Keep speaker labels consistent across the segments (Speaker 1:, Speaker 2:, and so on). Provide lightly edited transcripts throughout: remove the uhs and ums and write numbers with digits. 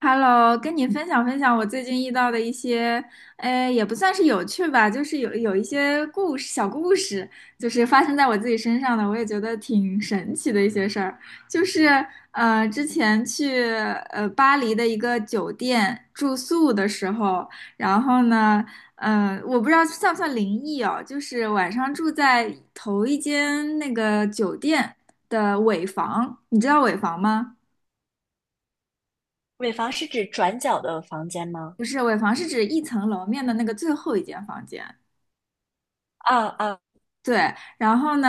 Speaker 1: Hello，跟你分享分享我最近遇到的一些，也不算是有趣吧，就是有一些故事，小故事，就是发生在我自己身上的，我也觉得挺神奇的一些事儿。就是之前去巴黎的一个酒店住宿的时候，然后呢，我不知道算不算灵异哦，就是晚上住在头一间那个酒店的尾房，你知道尾房吗？
Speaker 2: 尾房是指转角的房间吗？
Speaker 1: 不是尾房，是指一层楼面的那个最后一间房间。
Speaker 2: 啊啊，
Speaker 1: 对，然后呢，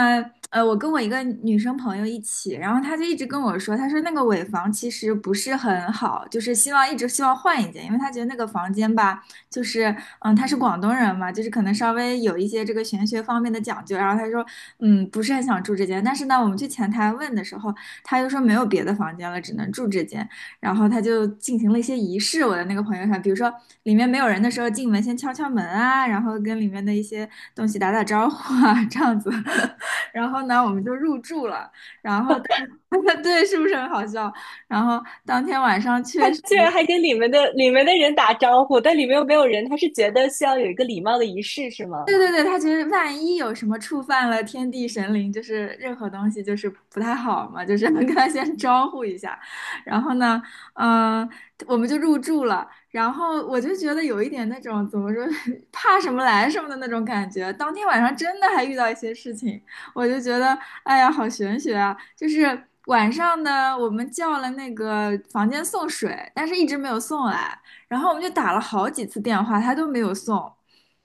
Speaker 1: 我跟我一个女生朋友一起，然后她就一直跟我说，她说那个尾房其实不是很好，就是希望一直希望换一间，因为她觉得那个房间吧，就是她是广东人嘛，就是可能稍微有一些这个玄学方面的讲究，然后她说不是很想住这间，但是呢，我们去前台问的时候，她又说没有别的房间了，只能住这间。然后他就进行了一些仪式。我的那个朋友圈，比如说里面没有人的时候进门先敲敲门啊，然后跟里面的一些东西打打招呼啊，这样子。然后呢，我们就入住了。然后对，是不是很好笑？然后当天晚上
Speaker 2: 他
Speaker 1: 确实。
Speaker 2: 居然还跟里面的人打招呼，但里面又没有人，他是觉得需要有一个礼貌的仪式是吗？
Speaker 1: 对对对，他觉得万一有什么触犯了天地神灵，就是任何东西就是不太好嘛，就是能跟他先招呼一下。然后呢，嗯、我们就入住了。然后我就觉得有一点那种怎么说，怕什么来什么的那种感觉。当天晚上真的还遇到一些事情，我就觉得，哎呀，好玄学啊！就是晚上呢，我们叫了那个房间送水，但是一直没有送来。然后我们就打了好几次电话，他都没有送。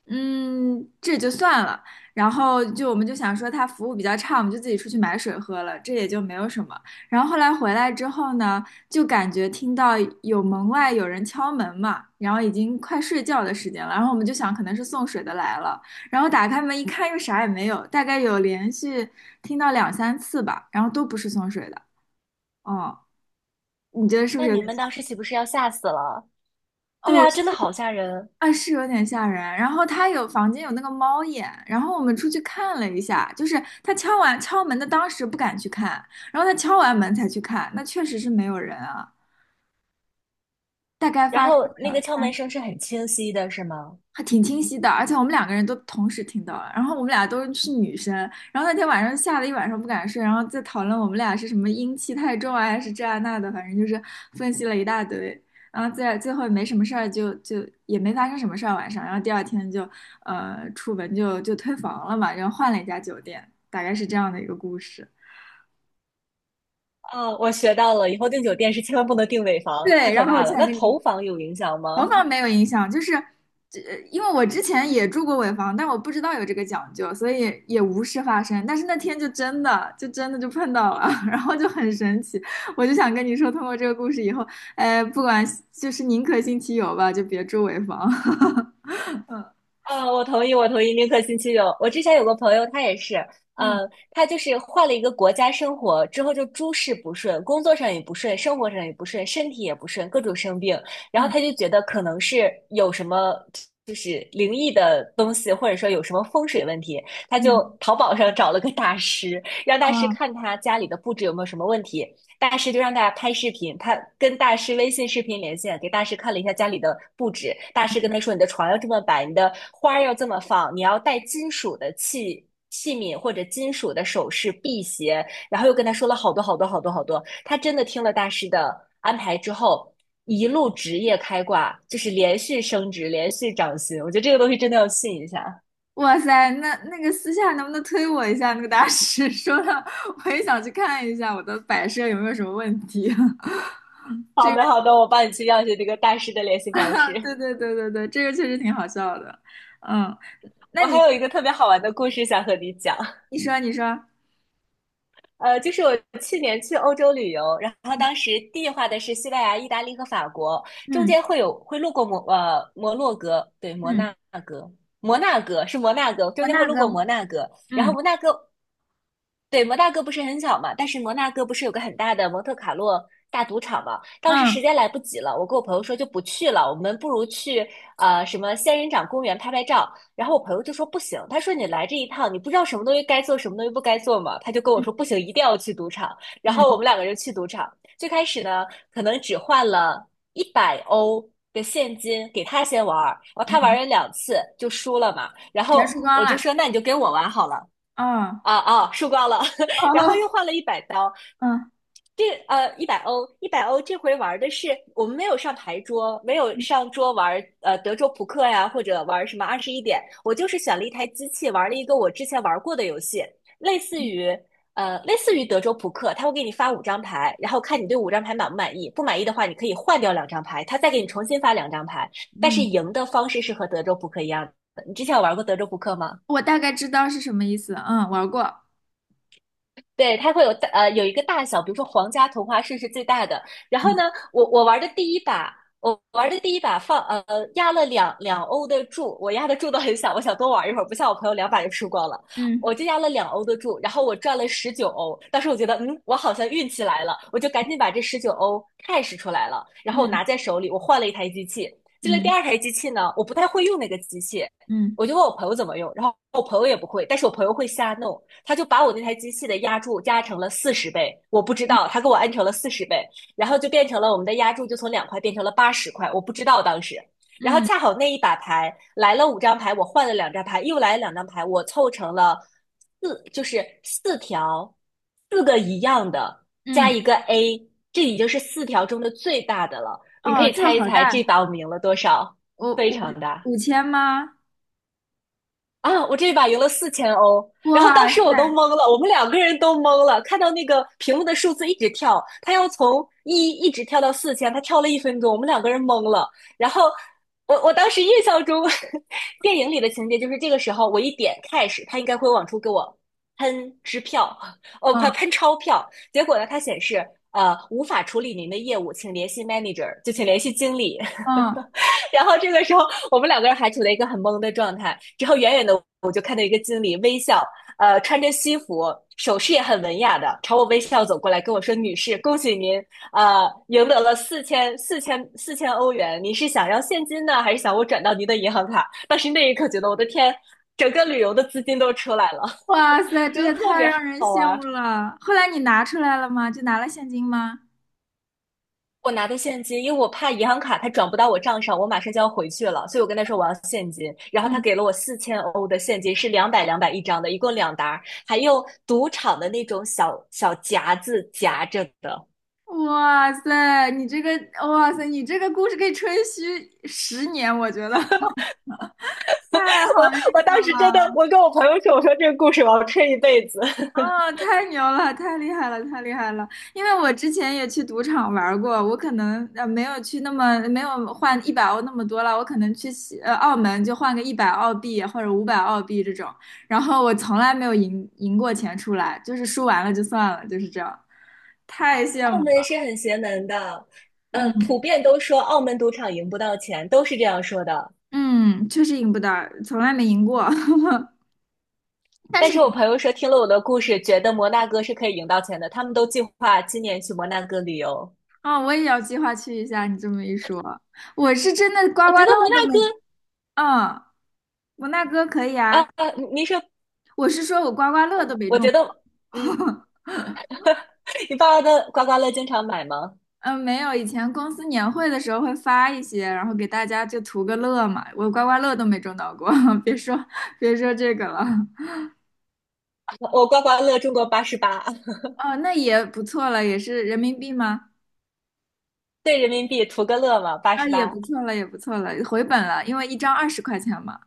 Speaker 1: 这就算了。然后就我们就想说他服务比较差，我们就自己出去买水喝了，这也就没有什么。然后后来回来之后呢，就感觉听到有门外有人敲门嘛，然后已经快睡觉的时间了，然后我们就想可能是送水的来了，然后打开门一看又啥也没有，大概有连续听到两三次吧，然后都不是送水的。哦，你觉得是不
Speaker 2: 那
Speaker 1: 是有
Speaker 2: 你
Speaker 1: 点
Speaker 2: 们
Speaker 1: 像？
Speaker 2: 当时岂不是要吓死了？对
Speaker 1: 哦，
Speaker 2: 啊，真的好吓人。
Speaker 1: 啊，是有点吓人。然后他有房间有那个猫眼，然后我们出去看了一下，就是他敲门的当时不敢去看，然后他敲完门才去看，那确实是没有人啊。大概
Speaker 2: 然
Speaker 1: 发生
Speaker 2: 后那个
Speaker 1: 了。
Speaker 2: 敲门
Speaker 1: 三。
Speaker 2: 声是很清晰的，是吗？
Speaker 1: 还挺清晰的，而且我们两个人都同时听到了，然后我们俩都是女生，然后那天晚上吓得一晚上不敢睡，然后在讨论我们俩是什么阴气太重啊，还是这啊那的，反正就是分析了一大堆，然后最后没什么事儿就，就也没发生什么事儿晚上，然后第二天就出门就退房了嘛，然后换了一家酒店，大概是这样的一个故事。
Speaker 2: 啊，我学到了，以后订酒店是千万不能订尾房，太
Speaker 1: 对，
Speaker 2: 可
Speaker 1: 然后我
Speaker 2: 怕
Speaker 1: 就
Speaker 2: 了。
Speaker 1: 想
Speaker 2: 那
Speaker 1: 跟
Speaker 2: 头
Speaker 1: 你
Speaker 2: 房有影响
Speaker 1: 头
Speaker 2: 吗？
Speaker 1: 发没有影响，就是这，因为我之前也住过尾房，但我不知道有这个讲究，所以也无事发生。但是那天就真的，就真的就碰到了，然后就很神奇。我就想跟你说，通过这个故事以后，哎，不管就是宁可信其有吧，就别住尾房。
Speaker 2: 啊，我同意，我同意，宁可信其有。我之前有个朋友，他也是，
Speaker 1: 嗯
Speaker 2: 呃，他就是换了一个国家生活之后，就诸事不顺，工作上也不顺，生活上也不顺，身体也不顺，各种生病。然后
Speaker 1: 嗯
Speaker 2: 他就觉得可能是有什么就是灵异的东西，或者说有什么风水问题，他就
Speaker 1: 嗯。
Speaker 2: 淘宝上找了个大师，让大师
Speaker 1: 啊，
Speaker 2: 看他家里的布置有没有什么问题。大师就让大家拍视频，他跟大师微信视频连线，给大师看了一下家里的布置。大师跟他说："你的床要这么摆，你的花要这么放，你要带金属的器皿或者金属的首饰、辟邪。"然后又跟他说了好多好多好多好多。他真的听了大师的安排之后，一路职业开挂，就是连续升职，连续涨薪。我觉得这个东西真的要信一下。
Speaker 1: 哇塞，那个私下能不能推我一下那个大师？说的我也想去看一下我的摆设有没有什么问题。
Speaker 2: 好的，好的，我帮你去要一下这个大师的联系方
Speaker 1: 对
Speaker 2: 式。
Speaker 1: 对对对对，这个确实挺好笑的。嗯。那
Speaker 2: 我
Speaker 1: 你
Speaker 2: 还有一个特别好玩的故事想和你讲。
Speaker 1: 你说你说，
Speaker 2: 就是我去年去欧洲旅游，然后
Speaker 1: 嗯
Speaker 2: 当时计划的是西班牙、意大利和法国，中
Speaker 1: 嗯
Speaker 2: 间会路过摩洛哥，对，摩
Speaker 1: 嗯。
Speaker 2: 纳哥，摩纳哥是摩纳哥，
Speaker 1: 我
Speaker 2: 中间会
Speaker 1: 那
Speaker 2: 路
Speaker 1: 个。
Speaker 2: 过摩纳哥，然后
Speaker 1: 嗯
Speaker 2: 摩纳哥，对，摩纳哥不是很小嘛，但是摩纳哥不是有个很大的蒙特卡洛大赌场嘛？当时时
Speaker 1: 嗯
Speaker 2: 间来不及了，我跟我朋友说就不去了，我们不如去什么仙人掌公园拍拍照。然后我朋友就说不行，他说你来这一趟，你不知道什么东西该做，什么东西不该做嘛。他就跟我
Speaker 1: 嗯
Speaker 2: 说不行，一定要去赌场。然后我
Speaker 1: 嗯
Speaker 2: 们两个人去赌场，最开始呢，可能只换了一百欧的现金给他先玩，然后他玩
Speaker 1: 嗯，
Speaker 2: 了两次就输了嘛。然
Speaker 1: 全
Speaker 2: 后
Speaker 1: 输光
Speaker 2: 我就
Speaker 1: 了。
Speaker 2: 说那你就跟我玩好了。
Speaker 1: 哦
Speaker 2: 啊啊，输光了，然后又
Speaker 1: 哦，
Speaker 2: 换了100刀，
Speaker 1: 嗯，
Speaker 2: 一百欧，这回玩的是我们没有上牌桌，没有
Speaker 1: 嗯
Speaker 2: 上桌玩德州扑克呀，或者玩什么二十一点，我就是选了一台机器玩了一个我之前玩过的游戏，类似于类似于德州扑克，他会给你发五张牌，然后看你对五张牌满不满意，不满意的话你可以换掉两张牌，他再给你重新发两张牌，但是
Speaker 1: 嗯
Speaker 2: 赢的方式是和德州扑克一样的。你之前有玩过德州扑克吗？
Speaker 1: 我大概知道是什么意思。嗯，玩过。
Speaker 2: 对，它会有一个大小，比如说皇家同花顺是最大的。然后
Speaker 1: 嗯
Speaker 2: 呢，我玩的第一把压了两欧的注，我压的注都很小，我想多玩一会儿，不像我朋友两把就输光了，
Speaker 1: 嗯
Speaker 2: 我就压了两欧的注，然后我赚了十九欧。当时我觉得，嗯，我好像运气来了，我就赶紧把这十九欧 cash 出来了，然后我
Speaker 1: 嗯
Speaker 2: 拿在手里，我换了一台机器。进了第
Speaker 1: 嗯
Speaker 2: 二台机器呢，我不太会用那个机器，
Speaker 1: 嗯
Speaker 2: 我就问我朋友怎么用，然后我朋友也不会，但是我朋友会瞎弄，他就把我那台机器的压铸加成了四十倍，我不知
Speaker 1: 嗯
Speaker 2: 道，他给我按成了四十倍，然后就变成了我们的压铸就从2块变成了80块，我不知道当时。然后
Speaker 1: 嗯，
Speaker 2: 恰好那一把牌来了五张牌，我换了两张牌，又来了两张牌，我凑成了四，就是四条，四个一样的加
Speaker 1: 嗯
Speaker 2: 一个 A,这已经是四条中的最大的了。你可
Speaker 1: 哦，
Speaker 2: 以
Speaker 1: 这个
Speaker 2: 猜一
Speaker 1: 好
Speaker 2: 猜这
Speaker 1: 大，
Speaker 2: 把我们赢了多少？
Speaker 1: 五
Speaker 2: 非
Speaker 1: 五
Speaker 2: 常大。
Speaker 1: 5000吗？
Speaker 2: 啊，我这一把赢了四千欧，然后当
Speaker 1: 哇
Speaker 2: 时
Speaker 1: 塞，
Speaker 2: 我都懵了，我们两个人都懵了，看到那个屏幕的数字一直跳，他要从一一直跳到四千，他跳了1分钟，我们两个人懵了。然后我当时印象中 电影里的情节就是这个时候我一点开始，他应该会往出给我喷支票，哦，喷
Speaker 1: 嗯
Speaker 2: 喷钞票。结果呢，它显示无法处理您的业务，请联系 manager,就请联系经理。
Speaker 1: 嗯，
Speaker 2: 然后这个时候我们两个人还处在一个很懵的状态。之后远远的我就看到一个经理微笑，穿着西服，手势也很文雅的朝我微笑走过来，跟我说："女士，恭喜您，赢得了4000欧元。您是想要现金呢，还是想我转到您的银行卡？"当时那一刻觉得我的天，整个旅游的资金都出来了，
Speaker 1: 哇塞，这
Speaker 2: 觉得
Speaker 1: 也
Speaker 2: 特
Speaker 1: 太
Speaker 2: 别
Speaker 1: 让人
Speaker 2: 好
Speaker 1: 羡
Speaker 2: 玩。
Speaker 1: 慕了。后来你拿出来了吗？就拿了现金吗？
Speaker 2: 我拿的现金，因为我怕银行卡它转不到我账上，我马上就要回去了，所以我跟他说我要现金，然后他
Speaker 1: 嗯。
Speaker 2: 给了我四千欧的现金，是两百一张的，一共两沓还用赌场的那种小小夹子夹着的。
Speaker 1: 哇塞，你这个，哇塞，你这个故事可以吹嘘10年，我觉得 太
Speaker 2: 我
Speaker 1: 好运
Speaker 2: 我当时真的，
Speaker 1: 了。
Speaker 2: 我跟我朋友说，我说这个故事我要吹一辈子。
Speaker 1: 啊，太牛了，太厉害了，太厉害了！因为我之前也去赌场玩过，我可能没有去那么没有换100欧那么多了，我可能去澳门就换个100澳币或者500澳币这种，然后我从来没有赢过钱出来，就是输完了就算了，就是这样，太羡
Speaker 2: 澳
Speaker 1: 慕了，
Speaker 2: 门是很邪门的，
Speaker 1: 嗯
Speaker 2: 普遍都说澳门赌场赢不到钱，都是这样说的。
Speaker 1: 嗯，确实赢不到，从来没赢过。但
Speaker 2: 但
Speaker 1: 是
Speaker 2: 是我
Speaker 1: 你
Speaker 2: 朋友说听了我的故事，觉得摩纳哥是可以赢到钱的，他们都计划今年去摩纳哥旅游。
Speaker 1: 啊、我也要计划去一下。你这么一说，我是真的刮
Speaker 2: 我觉
Speaker 1: 刮
Speaker 2: 得
Speaker 1: 乐
Speaker 2: 摩纳
Speaker 1: 都
Speaker 2: 哥
Speaker 1: 没，嗯，我纳哥可以
Speaker 2: 啊，
Speaker 1: 啊。
Speaker 2: 啊您说，
Speaker 1: 我是说我刮刮乐都没
Speaker 2: 我
Speaker 1: 中，
Speaker 2: 觉得，嗯，你爸爸的刮刮乐经常买吗？
Speaker 1: 嗯，没有。以前公司年会的时候会发一些，然后给大家就图个乐嘛。我刮刮乐都没中到过，别说别说这个了。
Speaker 2: 我刮刮乐中过八十八，
Speaker 1: 哦，那也不错了，也是人民币吗？
Speaker 2: 对人民币图个乐嘛，八
Speaker 1: 啊，
Speaker 2: 十
Speaker 1: 也不
Speaker 2: 八。
Speaker 1: 错了，也不错了，回本了，因为一张20块钱嘛，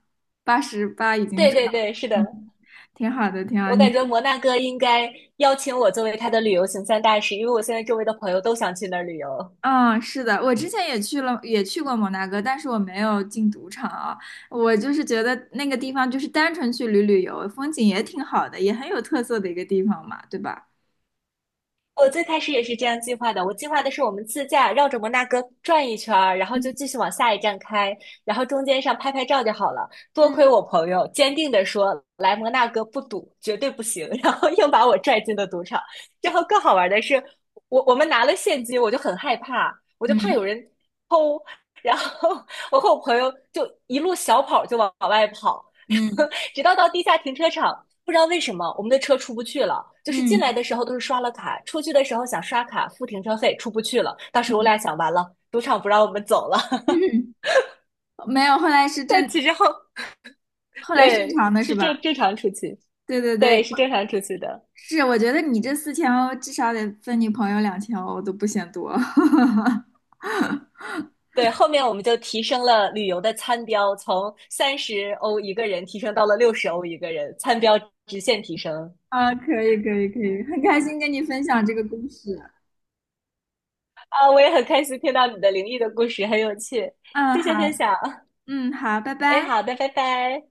Speaker 1: 88已经
Speaker 2: 对
Speaker 1: 赚
Speaker 2: 对
Speaker 1: 了，
Speaker 2: 对，是的，
Speaker 1: 嗯，挺好的，挺好。
Speaker 2: 我
Speaker 1: 你。
Speaker 2: 感觉摩纳哥应该邀请我作为他的旅游行三大使，因为我现在周围的朋友都想去那儿旅游。
Speaker 1: 嗯，是的，我之前也去了，也去过摩纳哥，但是我没有进赌场啊。我就是觉得那个地方就是单纯去旅游，风景也挺好的，也很有特色的一个地方嘛，对吧？
Speaker 2: 我最开始也是这样计划的，我计划的是我们自驾绕着摩纳哥转一圈儿，然后就
Speaker 1: 嗯
Speaker 2: 继续往下一站开，然后中间上拍拍照就好了。多亏
Speaker 1: 嗯
Speaker 2: 我朋友坚定地说来摩纳哥不赌，绝对不行，然后硬把我拽进了赌场。然后更好玩的是，我们拿了现金，我就很害怕，我就怕
Speaker 1: 嗯
Speaker 2: 有人偷，然后我和我朋友就一路小跑就往外跑，
Speaker 1: 嗯
Speaker 2: 直到地下停车场。不知道为什么我们的车出不去了，就是进来
Speaker 1: 嗯
Speaker 2: 的时候都是刷了卡，出去的时候想刷卡付停车费出不去了。当时我俩想，完了，赌场不让我们走了。
Speaker 1: 嗯，没有，后来是
Speaker 2: 但
Speaker 1: 正，
Speaker 2: 其实后
Speaker 1: 后来正
Speaker 2: 对
Speaker 1: 常的是
Speaker 2: 是
Speaker 1: 吧？
Speaker 2: 正常出去，
Speaker 1: 对对对，
Speaker 2: 对是正常出去的。
Speaker 1: 是，我觉得你这4000欧至少得分你朋友2000欧我都不嫌多。
Speaker 2: 对，后面我们就提升了旅游的餐标，从30欧一个人提升到了60欧一个人，餐标直线提升。
Speaker 1: 啊，可以可以可以，很开心跟你分享这个故事。
Speaker 2: 啊！我也很开心听到你的灵异的故事，很有趣，
Speaker 1: 嗯，
Speaker 2: 谢
Speaker 1: 好，
Speaker 2: 谢分享。
Speaker 1: 嗯，好，拜
Speaker 2: 哎，
Speaker 1: 拜。
Speaker 2: 好的，拜拜。